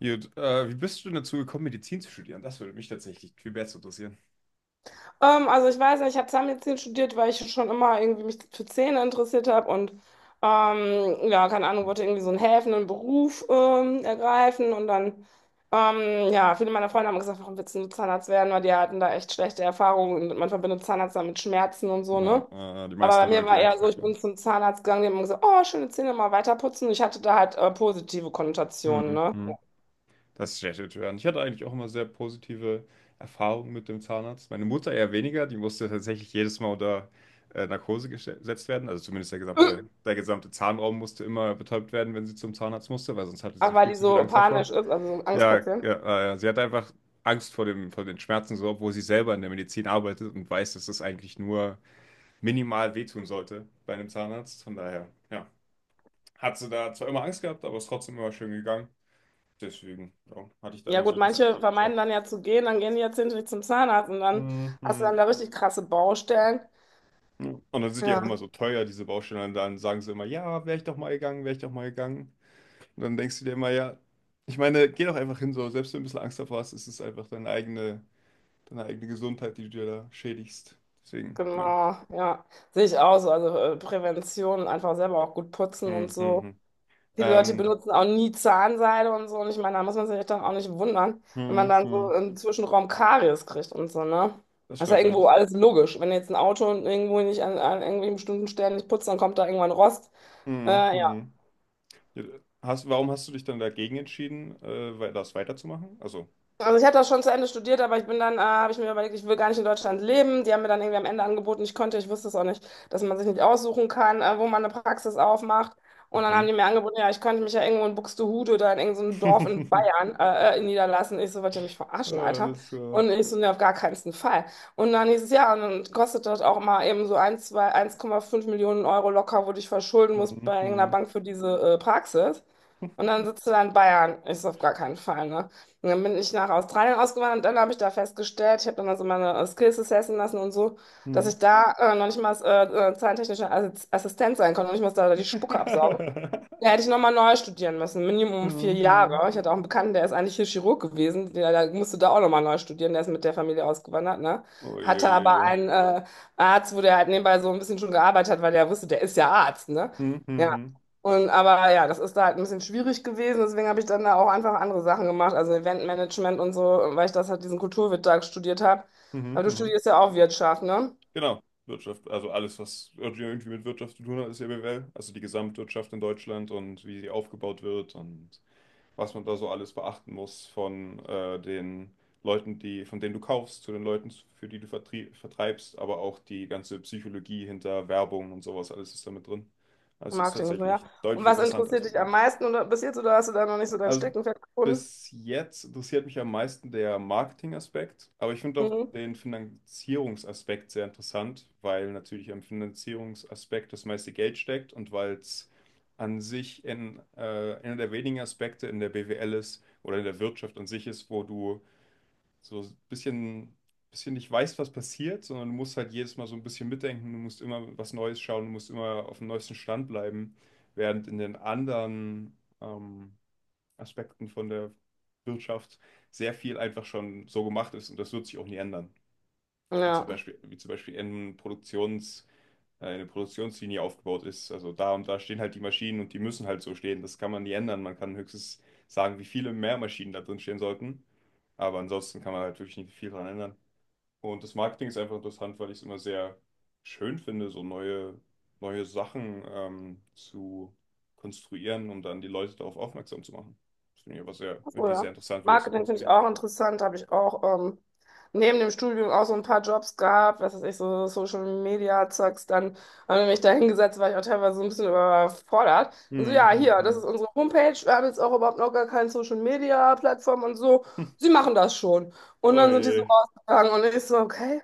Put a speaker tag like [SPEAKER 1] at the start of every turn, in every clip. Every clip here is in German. [SPEAKER 1] Gut, wie bist du denn dazu gekommen, Medizin zu studieren? Das würde mich tatsächlich viel besser interessieren.
[SPEAKER 2] Also ich weiß nicht, ich habe Zahnmedizin studiert, weil ich schon immer irgendwie mich für Zähne interessiert habe und ja, keine Ahnung,
[SPEAKER 1] Hm.
[SPEAKER 2] wollte irgendwie so einen helfenden Beruf ergreifen und dann, ja, viele meiner Freunde haben gesagt, warum willst du Zahnarzt werden? Weil die hatten da echt schlechte Erfahrungen und man verbindet Zahnarzt dann mit Schmerzen und so,
[SPEAKER 1] Na,
[SPEAKER 2] ne?
[SPEAKER 1] die
[SPEAKER 2] Aber
[SPEAKER 1] meisten
[SPEAKER 2] bei
[SPEAKER 1] haben
[SPEAKER 2] mir
[SPEAKER 1] irgendwie
[SPEAKER 2] war eher
[SPEAKER 1] Angst
[SPEAKER 2] so, ich
[SPEAKER 1] davor.
[SPEAKER 2] bin zum Zahnarzt gegangen, die haben gesagt, oh, schöne Zähne, mal weiter putzen. Ich hatte da halt positive Konnotationen,
[SPEAKER 1] Hm,
[SPEAKER 2] ne?
[SPEAKER 1] hm. Das ist schlecht zu hören. Ich hatte eigentlich auch immer sehr positive Erfahrungen mit dem Zahnarzt. Meine Mutter eher weniger, die musste tatsächlich jedes Mal unter Narkose gesetzt werden. Also zumindest der gesamte Zahnraum musste immer betäubt werden, wenn sie zum Zahnarzt musste, weil sonst hatte
[SPEAKER 2] Aber
[SPEAKER 1] sie
[SPEAKER 2] weil
[SPEAKER 1] viel
[SPEAKER 2] die
[SPEAKER 1] zu viel
[SPEAKER 2] so
[SPEAKER 1] Angst
[SPEAKER 2] panisch
[SPEAKER 1] davor.
[SPEAKER 2] ist, also so ein
[SPEAKER 1] Ja,
[SPEAKER 2] Angstpatient.
[SPEAKER 1] ja, sie hat einfach Angst vor vor den Schmerzen, so, obwohl sie selber in der Medizin arbeitet und weiß, dass das eigentlich nur minimal wehtun sollte bei einem Zahnarzt. Von daher, ja, hat sie da zwar immer Angst gehabt, aber ist trotzdem immer schön gegangen. Deswegen, ja, hatte ich da
[SPEAKER 2] Ja
[SPEAKER 1] immer
[SPEAKER 2] gut,
[SPEAKER 1] so ein bisschen.
[SPEAKER 2] manche
[SPEAKER 1] Ja.
[SPEAKER 2] vermeiden dann ja zu gehen, dann gehen die jetzt nicht zum Zahnarzt und dann hast du
[SPEAKER 1] Mhm.
[SPEAKER 2] dann da richtig krasse Baustellen.
[SPEAKER 1] Ja. Und dann sind die auch
[SPEAKER 2] Ja,
[SPEAKER 1] immer so teuer, diese Baustellen. Und dann sagen sie immer, ja, wäre ich doch mal gegangen, wäre ich doch mal gegangen. Und dann denkst du dir immer, ja, ich meine, geh doch einfach hin, so, selbst wenn du ein bisschen Angst davor hast, ist es einfach deine eigene Gesundheit, die du dir da schädigst. Deswegen, ja.
[SPEAKER 2] genau, ja. Sehe ich auch so. Also Prävention, einfach selber auch gut putzen und so.
[SPEAKER 1] Mhm.
[SPEAKER 2] Viele Leute
[SPEAKER 1] Ähm,
[SPEAKER 2] benutzen auch nie Zahnseide und so. Und ich meine, da muss man sich doch auch nicht wundern, wenn man dann so
[SPEAKER 1] mhm.
[SPEAKER 2] im Zwischenraum Karies kriegt und so, ne?
[SPEAKER 1] Das
[SPEAKER 2] Das ist ja
[SPEAKER 1] stimmt, ja.
[SPEAKER 2] irgendwo alles logisch. Wenn jetzt ein Auto irgendwo nicht an irgendwelchen bestimmten Stellen nicht putzt, dann kommt da irgendwann Rost. Äh,
[SPEAKER 1] Mhm. Ja, hast, warum hast du dich dann dagegen entschieden, das weiterzumachen? Also,
[SPEAKER 2] Also ich habe das schon zu Ende studiert, aber habe ich mir überlegt, ich will gar nicht in Deutschland leben. Die haben mir dann irgendwie am Ende angeboten, ich konnte, ich wusste es auch nicht, dass man sich nicht aussuchen kann, wo man eine Praxis aufmacht. Und dann haben
[SPEAKER 1] mhm.
[SPEAKER 2] die mir angeboten, ja, ich könnte mich ja irgendwo in Buxtehude oder in irgendeinem Dorf in Bayern niederlassen. Ich so, wollt ihr mich verarschen, Alter?
[SPEAKER 1] Alles klar.
[SPEAKER 2] Und ich so, ne, auf gar keinen Fall. Und dann hieß es, ja, und dann kostet das auch mal eben so 1, 2, 1,5 Millionen Euro locker, wo du dich verschulden musst bei irgendeiner
[SPEAKER 1] Mhm.
[SPEAKER 2] Bank für diese Praxis. Und dann sitzt du da in Bayern. Ich so, auf gar keinen Fall, ne? Und dann bin ich nach Australien ausgewandert und dann habe ich da festgestellt, ich habe dann also meine Skills testen lassen und so, dass
[SPEAKER 1] Mhm.
[SPEAKER 2] ich da noch nicht mal als, zahlentechnische Assistent sein konnte, noch nicht mal da die Spucke absaugen. Da hätte ich nochmal neu studieren müssen, Minimum vier
[SPEAKER 1] Mhm.
[SPEAKER 2] Jahre. Ich hatte auch einen Bekannten, der ist eigentlich hier Chirurg gewesen, der musste da auch nochmal neu studieren, der ist mit der Familie ausgewandert, ne? Hatte aber
[SPEAKER 1] Uiuiui.
[SPEAKER 2] einen Arzt, wo der halt nebenbei so ein bisschen schon gearbeitet hat, weil der wusste, der ist ja Arzt, ne?
[SPEAKER 1] Mhm.
[SPEAKER 2] Ja.
[SPEAKER 1] Mhm.
[SPEAKER 2] Und aber ja, das ist da halt ein bisschen schwierig gewesen, deswegen habe ich dann da auch einfach andere Sachen gemacht, also Eventmanagement und so, weil ich das halt diesen Kulturwirt da studiert habe.
[SPEAKER 1] Mhm.
[SPEAKER 2] Aber du
[SPEAKER 1] Mhm.
[SPEAKER 2] studierst ja auch Wirtschaft, ne?
[SPEAKER 1] Genau, Wirtschaft, also alles, was irgendwie mit Wirtschaft zu tun hat, ist ja BWL. Also die Gesamtwirtschaft in Deutschland und wie sie aufgebaut wird, und was man da so alles beachten muss, von den Leuten, die, von denen du kaufst, zu den Leuten, für die du vertreibst, aber auch die ganze Psychologie hinter Werbung und sowas, alles ist da mit drin. Also es ist
[SPEAKER 2] Marketing und so, ja.
[SPEAKER 1] tatsächlich
[SPEAKER 2] Und
[SPEAKER 1] deutlich
[SPEAKER 2] was
[SPEAKER 1] interessanter, als
[SPEAKER 2] interessiert
[SPEAKER 1] man
[SPEAKER 2] dich am
[SPEAKER 1] denkt.
[SPEAKER 2] meisten oder bis jetzt, oder hast du da noch nicht so dein
[SPEAKER 1] Also
[SPEAKER 2] Steckenpferd gefunden?
[SPEAKER 1] bis jetzt interessiert mich am meisten der Marketingaspekt, aber ich finde auch
[SPEAKER 2] Mhm.
[SPEAKER 1] den Finanzierungsaspekt sehr interessant, weil natürlich am Finanzierungsaspekt das meiste Geld steckt, und weil es an sich einer der wenigen Aspekte in der BWL ist, oder in der Wirtschaft an sich ist, wo du so ein bisschen nicht weißt, was passiert, sondern du musst halt jedes Mal so ein bisschen mitdenken, du musst immer was Neues schauen, du musst immer auf dem neuesten Stand bleiben, während in den anderen ähm, Aspekten von der Wirtschaft sehr viel einfach schon so gemacht ist, und das wird sich auch nie ändern. Wie zum
[SPEAKER 2] Ja.
[SPEAKER 1] Beispiel, wie zum Beispiel in eine Produktionslinie aufgebaut ist. Also da und da stehen halt die Maschinen, und die müssen halt so stehen. Das kann man nie ändern. Man kann höchstens sagen, wie viele mehr Maschinen da drin stehen sollten. Aber ansonsten kann man halt wirklich nicht viel dran ändern. Und das Marketing ist einfach interessant, weil ich es immer sehr schön finde, so neue Sachen zu konstruieren, um dann die Leute darauf aufmerksam zu machen. Das finde ich aber sehr,
[SPEAKER 2] Ach so,
[SPEAKER 1] irgendwie sehr
[SPEAKER 2] ja.
[SPEAKER 1] interessant, wie das so
[SPEAKER 2] Marketing finde ich
[SPEAKER 1] funktioniert.
[SPEAKER 2] auch interessant. Habe ich auch neben dem Studium auch so ein paar Jobs gehabt, was weiß ich, so Social Media Zeugs. Dann habe ich mich da hingesetzt, war ich auch teilweise so ein bisschen überfordert. Und so,
[SPEAKER 1] Hm,
[SPEAKER 2] ja,
[SPEAKER 1] hm,
[SPEAKER 2] hier, das ist
[SPEAKER 1] hm.
[SPEAKER 2] unsere Homepage. Wir haben jetzt auch überhaupt noch gar keine Social Media Plattform und so. Sie machen das schon. Und
[SPEAKER 1] Oh
[SPEAKER 2] dann sind die so
[SPEAKER 1] je.
[SPEAKER 2] rausgegangen und ich so, okay,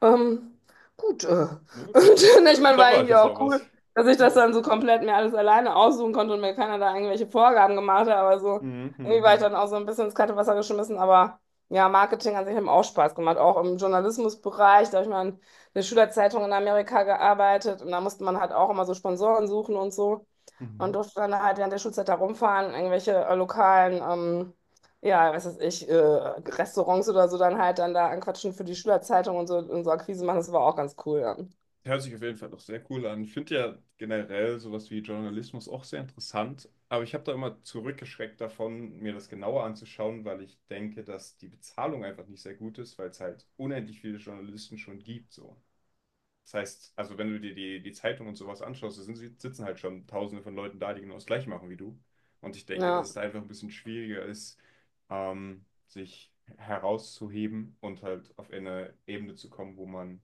[SPEAKER 2] ähm, gut.
[SPEAKER 1] Da,
[SPEAKER 2] Und
[SPEAKER 1] da,
[SPEAKER 2] ich meine,
[SPEAKER 1] da
[SPEAKER 2] war
[SPEAKER 1] war ich
[SPEAKER 2] irgendwie
[SPEAKER 1] jetzt mal
[SPEAKER 2] auch
[SPEAKER 1] was.
[SPEAKER 2] cool. Dass ich das
[SPEAKER 1] Ja.
[SPEAKER 2] dann so komplett mir alles alleine aussuchen konnte und mir keiner da irgendwelche Vorgaben gemacht hat, aber so
[SPEAKER 1] Hm, hm,
[SPEAKER 2] irgendwie war ich
[SPEAKER 1] hm.
[SPEAKER 2] dann auch so ein bisschen ins kalte Wasser geschmissen, aber ja, Marketing an sich hat mir auch Spaß gemacht, auch im Journalismusbereich. Da habe ich mal in der Schülerzeitung in Amerika gearbeitet und da musste man halt auch immer so Sponsoren suchen und so und
[SPEAKER 1] Mhm.
[SPEAKER 2] durfte dann halt während der Schulzeit da rumfahren, irgendwelche lokalen, ja, was weiß ich, Restaurants oder so dann halt dann da anquatschen für die Schülerzeitung und so Akquise machen. Das war auch ganz cool. Ja,
[SPEAKER 1] Hört sich auf jeden Fall doch sehr cool an. Ich finde ja generell sowas wie Journalismus auch sehr interessant, aber ich habe da immer zurückgeschreckt davon, mir das genauer anzuschauen, weil ich denke, dass die Bezahlung einfach nicht sehr gut ist, weil es halt unendlich viele Journalisten schon gibt, so. Das heißt, also wenn du dir die Zeitung und sowas anschaust, da sind, sitzen halt schon Tausende von Leuten da, die genau das Gleiche machen wie du. Und ich denke, dass
[SPEAKER 2] ja.
[SPEAKER 1] es da einfach ein bisschen schwieriger ist, sich herauszuheben und halt auf eine Ebene zu kommen, wo man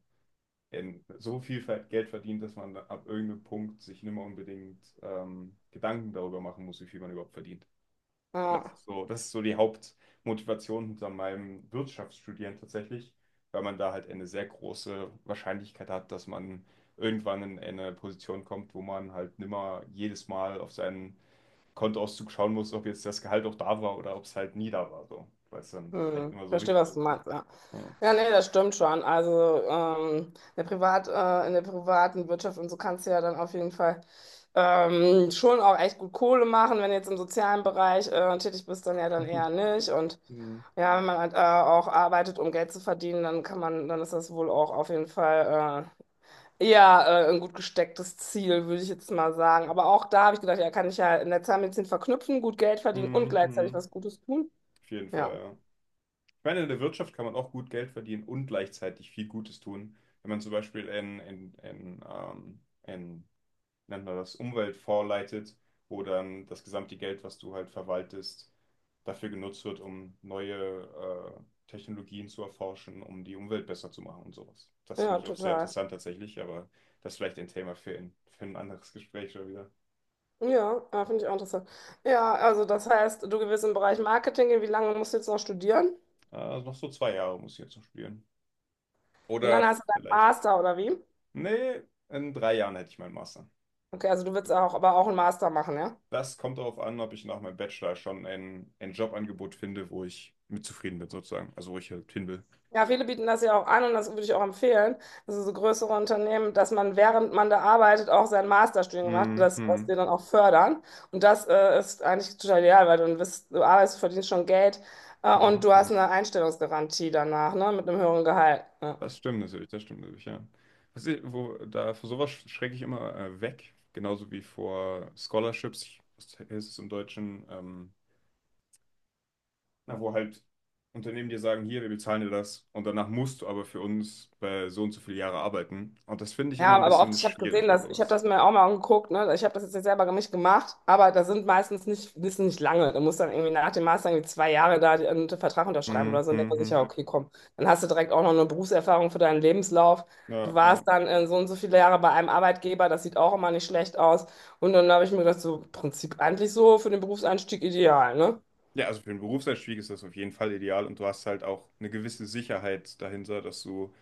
[SPEAKER 1] in so viel Geld verdient, dass man ab irgendeinem Punkt sich nicht mehr unbedingt Gedanken darüber machen muss, wie viel man überhaupt verdient. Das
[SPEAKER 2] Ja.
[SPEAKER 1] ist so, das ist so die Hauptmotivation hinter meinem Wirtschaftsstudieren tatsächlich, weil man da halt eine sehr große Wahrscheinlichkeit hat, dass man irgendwann in eine Position kommt, wo man halt nimmer jedes Mal auf seinen Kontoauszug schauen muss, ob jetzt das Gehalt auch da war oder ob es halt nie da war, so, weil es dann vielleicht
[SPEAKER 2] Hm,
[SPEAKER 1] nicht mehr so
[SPEAKER 2] verstehe,
[SPEAKER 1] wichtig
[SPEAKER 2] was
[SPEAKER 1] ist.
[SPEAKER 2] du meinst, ja.
[SPEAKER 1] Ja.
[SPEAKER 2] Ja, nee, das stimmt schon. Also in der privaten Wirtschaft und so kannst du ja dann auf jeden Fall schon auch echt gut Kohle machen. Wenn du jetzt im sozialen Bereich tätig bist, dann ja dann eher nicht. Und
[SPEAKER 1] Hm,
[SPEAKER 2] ja, wenn man halt, auch arbeitet, um Geld zu verdienen, dann kann man, dann ist das wohl auch auf jeden Fall eher ein gut gestecktes Ziel, würde ich jetzt mal sagen. Aber auch da habe ich gedacht, ja, kann ich ja in der Zahnmedizin verknüpfen, gut Geld verdienen und
[SPEAKER 1] hm,
[SPEAKER 2] gleichzeitig
[SPEAKER 1] hm.
[SPEAKER 2] was Gutes tun.
[SPEAKER 1] Auf jeden Fall,
[SPEAKER 2] Ja,
[SPEAKER 1] ja. Ich meine, in der Wirtschaft kann man auch gut Geld verdienen und gleichzeitig viel Gutes tun. Wenn man zum Beispiel in wie nennt man das, Umwelt vorleitet, wo dann das gesamte Geld, was du halt verwaltest, dafür genutzt wird, um neue Technologien zu erforschen, um die Umwelt besser zu machen und sowas. Das finde
[SPEAKER 2] ja,
[SPEAKER 1] ich auch sehr
[SPEAKER 2] total.
[SPEAKER 1] interessant tatsächlich, aber das ist vielleicht ein Thema für für ein anderes Gespräch schon wieder.
[SPEAKER 2] Ja, ah, finde ich auch interessant. Ja, also das heißt, du gewinnst im Bereich Marketing gehen. Wie lange musst du jetzt noch studieren?
[SPEAKER 1] Also noch so zwei Jahre muss ich jetzt noch spielen.
[SPEAKER 2] Und dann
[SPEAKER 1] Oder
[SPEAKER 2] hast du deinen
[SPEAKER 1] vielleicht,
[SPEAKER 2] Master, oder wie?
[SPEAKER 1] nee, in drei Jahren hätte ich meinen Master.
[SPEAKER 2] Okay, also du willst auch, aber auch einen Master machen, ja?
[SPEAKER 1] Das kommt darauf an, ob ich nach meinem Bachelor schon ein Jobangebot finde, wo ich mit zufrieden bin, sozusagen. Also wo ich halt hin will.
[SPEAKER 2] Ja, viele bieten das ja auch an und das würde ich auch empfehlen. Also so größere Unternehmen, dass man, während man da arbeitet, auch sein Masterstudium macht,
[SPEAKER 1] Mhm.
[SPEAKER 2] das was
[SPEAKER 1] Mhm.
[SPEAKER 2] dir dann auch fördern. Und das ist eigentlich total ideal, weil du, dann bist, du arbeitest, verdienst schon Geld und du
[SPEAKER 1] Mhm.
[SPEAKER 2] hast eine Einstellungsgarantie danach, ne, mit einem höheren Gehalt. Ja.
[SPEAKER 1] Das stimmt natürlich, ja. Was ich, wo, da, vor sowas schrecke ich immer weg, genauso wie vor Scholarships, ich- was heißt es im Deutschen, na, wo halt Unternehmen dir sagen, hier, wir bezahlen dir das und danach musst du aber für uns bei so und so viele Jahre arbeiten. Und das finde ich immer
[SPEAKER 2] Ja,
[SPEAKER 1] ein
[SPEAKER 2] aber oft,
[SPEAKER 1] bisschen
[SPEAKER 2] ich habe
[SPEAKER 1] schwierig
[SPEAKER 2] gesehen,
[SPEAKER 1] bei
[SPEAKER 2] dass ich habe
[SPEAKER 1] sowas.
[SPEAKER 2] das mir auch mal angeguckt, ne? Ich habe das jetzt nicht selber nicht gemacht, aber da sind meistens nicht, die sind nicht lange. Du musst dann irgendwie nach dem Master irgendwie 2 Jahre da einen Vertrag unterschreiben
[SPEAKER 1] Mhm.
[SPEAKER 2] oder so. Und denkt man sich,
[SPEAKER 1] Mhm.
[SPEAKER 2] ja, okay, komm, dann hast du direkt auch noch eine Berufserfahrung für deinen Lebenslauf. Du
[SPEAKER 1] Ja,
[SPEAKER 2] warst
[SPEAKER 1] ja.
[SPEAKER 2] dann so und so viele Jahre bei einem Arbeitgeber, das sieht auch immer nicht schlecht aus. Und dann habe ich mir gedacht, so im Prinzip eigentlich so für den Berufseinstieg ideal, ne?
[SPEAKER 1] Ja, also für einen Berufseinstieg ist das auf jeden Fall ideal, und du hast halt auch eine gewisse Sicherheit dahinter, dass du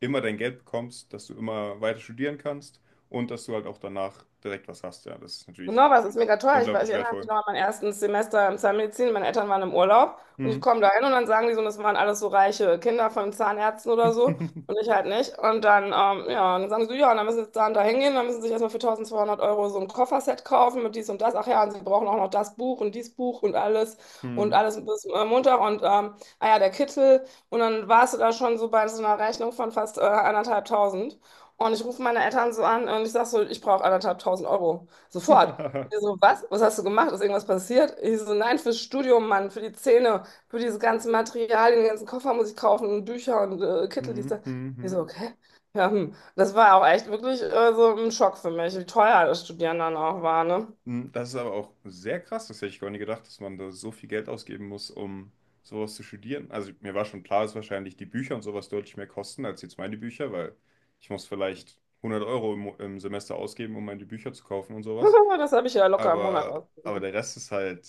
[SPEAKER 1] immer dein Geld bekommst, dass du immer weiter studieren kannst und dass du halt auch danach direkt was hast. Ja, das ist natürlich
[SPEAKER 2] Genau, was ist mega teuer. Ich weiß, ich
[SPEAKER 1] unglaublich
[SPEAKER 2] erinnere mich
[SPEAKER 1] wertvoll.
[SPEAKER 2] noch an mein erstes Semester im Zahnmedizin. Meine Eltern waren im Urlaub und ich
[SPEAKER 1] Hm.
[SPEAKER 2] komme da hin und dann sagen die so, und das waren alles so reiche Kinder von Zahnärzten oder so und ich halt nicht. Und dann, ja, und dann sagen sie so, ja, und dann müssen sie jetzt da und da hingehen, dann müssen sie sich erstmal für 1200 Euro so ein Kofferset kaufen mit dies und das. Ach ja, und sie brauchen auch noch das Buch und dies Buch und
[SPEAKER 1] Hm.
[SPEAKER 2] alles bis Montag und, ah ja, der Kittel. Und dann warst du da schon so bei so einer Rechnung von fast 1500. Und ich rufe meine Eltern so an und ich sage so, ich brauche 1500 Euro. Sofort. Die so, was? Was hast du gemacht? Ist irgendwas passiert? Ich so, nein, fürs Studium, Mann, für die Zähne, für diese ganzen Materialien, den ganzen Koffer muss ich kaufen und Bücher und Kittel, dies,
[SPEAKER 1] Hm.
[SPEAKER 2] das.
[SPEAKER 1] Hm.
[SPEAKER 2] Ich
[SPEAKER 1] Hm.
[SPEAKER 2] so, okay. Ja, hm. Das war auch echt wirklich so ein Schock für mich, wie teuer das Studieren dann auch war, ne?
[SPEAKER 1] Mm, das ist aber auch sehr krass. Das hätte ich gar nicht gedacht, dass man da so viel Geld ausgeben muss, um sowas zu studieren. Also mir war schon klar, dass wahrscheinlich die Bücher und sowas deutlich mehr kosten als jetzt meine Bücher, weil ich muss vielleicht 100 Euro im im Semester ausgeben, um meine Bücher zu kaufen und sowas.
[SPEAKER 2] Das habe ich ja locker im Monat
[SPEAKER 1] Aber
[SPEAKER 2] ausgegeben.
[SPEAKER 1] der Rest ist halt,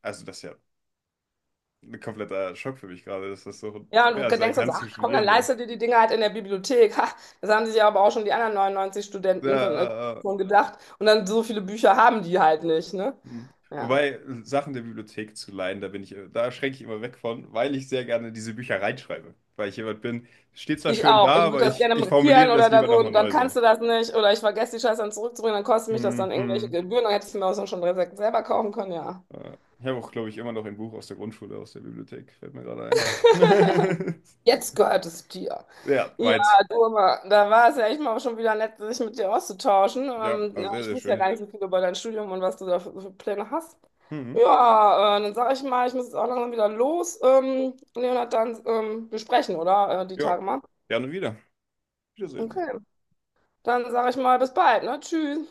[SPEAKER 1] also das ist ja ein kompletter Schock für mich gerade, dass das so
[SPEAKER 2] Ja, und
[SPEAKER 1] teuer
[SPEAKER 2] du
[SPEAKER 1] sein
[SPEAKER 2] denkst dann
[SPEAKER 1] kann
[SPEAKER 2] so,
[SPEAKER 1] zu
[SPEAKER 2] ach komm, dann
[SPEAKER 1] studieren so.
[SPEAKER 2] leistet dir die Dinge halt in der Bibliothek. Ha, das haben sich ja aber auch schon die anderen 99
[SPEAKER 1] Ja,
[SPEAKER 2] Studenten von,
[SPEAKER 1] ja, ja.
[SPEAKER 2] schon gedacht. Und dann so viele Bücher haben die halt nicht, ne?
[SPEAKER 1] Hm.
[SPEAKER 2] Ja.
[SPEAKER 1] Wobei Sachen der Bibliothek zu leihen, da bin ich, da schränke ich immer weg von, weil ich sehr gerne diese Bücher reinschreibe. Weil ich jemand bin, steht zwar
[SPEAKER 2] Ich
[SPEAKER 1] schön da,
[SPEAKER 2] auch. Ich
[SPEAKER 1] aber
[SPEAKER 2] würde das gerne
[SPEAKER 1] ich formuliere
[SPEAKER 2] markieren oder
[SPEAKER 1] das
[SPEAKER 2] da
[SPEAKER 1] lieber
[SPEAKER 2] so
[SPEAKER 1] nochmal
[SPEAKER 2] und dann
[SPEAKER 1] neu
[SPEAKER 2] kannst
[SPEAKER 1] so.
[SPEAKER 2] du das nicht oder ich vergesse die Scheiße dann zurückzubringen, dann kostet mich das
[SPEAKER 1] Hm,
[SPEAKER 2] dann irgendwelche
[SPEAKER 1] hm.
[SPEAKER 2] Gebühren, dann hättest du mir auch schon direkt selber kaufen können, ja.
[SPEAKER 1] Ich habe auch, glaube ich, immer noch ein Buch aus der Grundschule, aus der Bibliothek, fällt mir gerade ein.
[SPEAKER 2] Jetzt gehört es dir.
[SPEAKER 1] Ja,
[SPEAKER 2] Ja,
[SPEAKER 1] weit.
[SPEAKER 2] du, aber da war es ja echt mal schon wieder nett, sich mit dir auszutauschen.
[SPEAKER 1] Ja,
[SPEAKER 2] Ähm,
[SPEAKER 1] also
[SPEAKER 2] ja,
[SPEAKER 1] sehr,
[SPEAKER 2] ich
[SPEAKER 1] sehr
[SPEAKER 2] wusste ja gar
[SPEAKER 1] schön.
[SPEAKER 2] nicht so viel über dein Studium und was du da für Pläne hast.
[SPEAKER 1] Mhm.
[SPEAKER 2] Ja, dann sage ich mal, ich muss jetzt auch langsam wieder los. Leonard, dann wir sprechen, oder? Die
[SPEAKER 1] Ja,
[SPEAKER 2] Tage mal.
[SPEAKER 1] gerne wieder. Wiedersehen.
[SPEAKER 2] Okay, dann sage ich mal, bis bald, ne? Tschüss.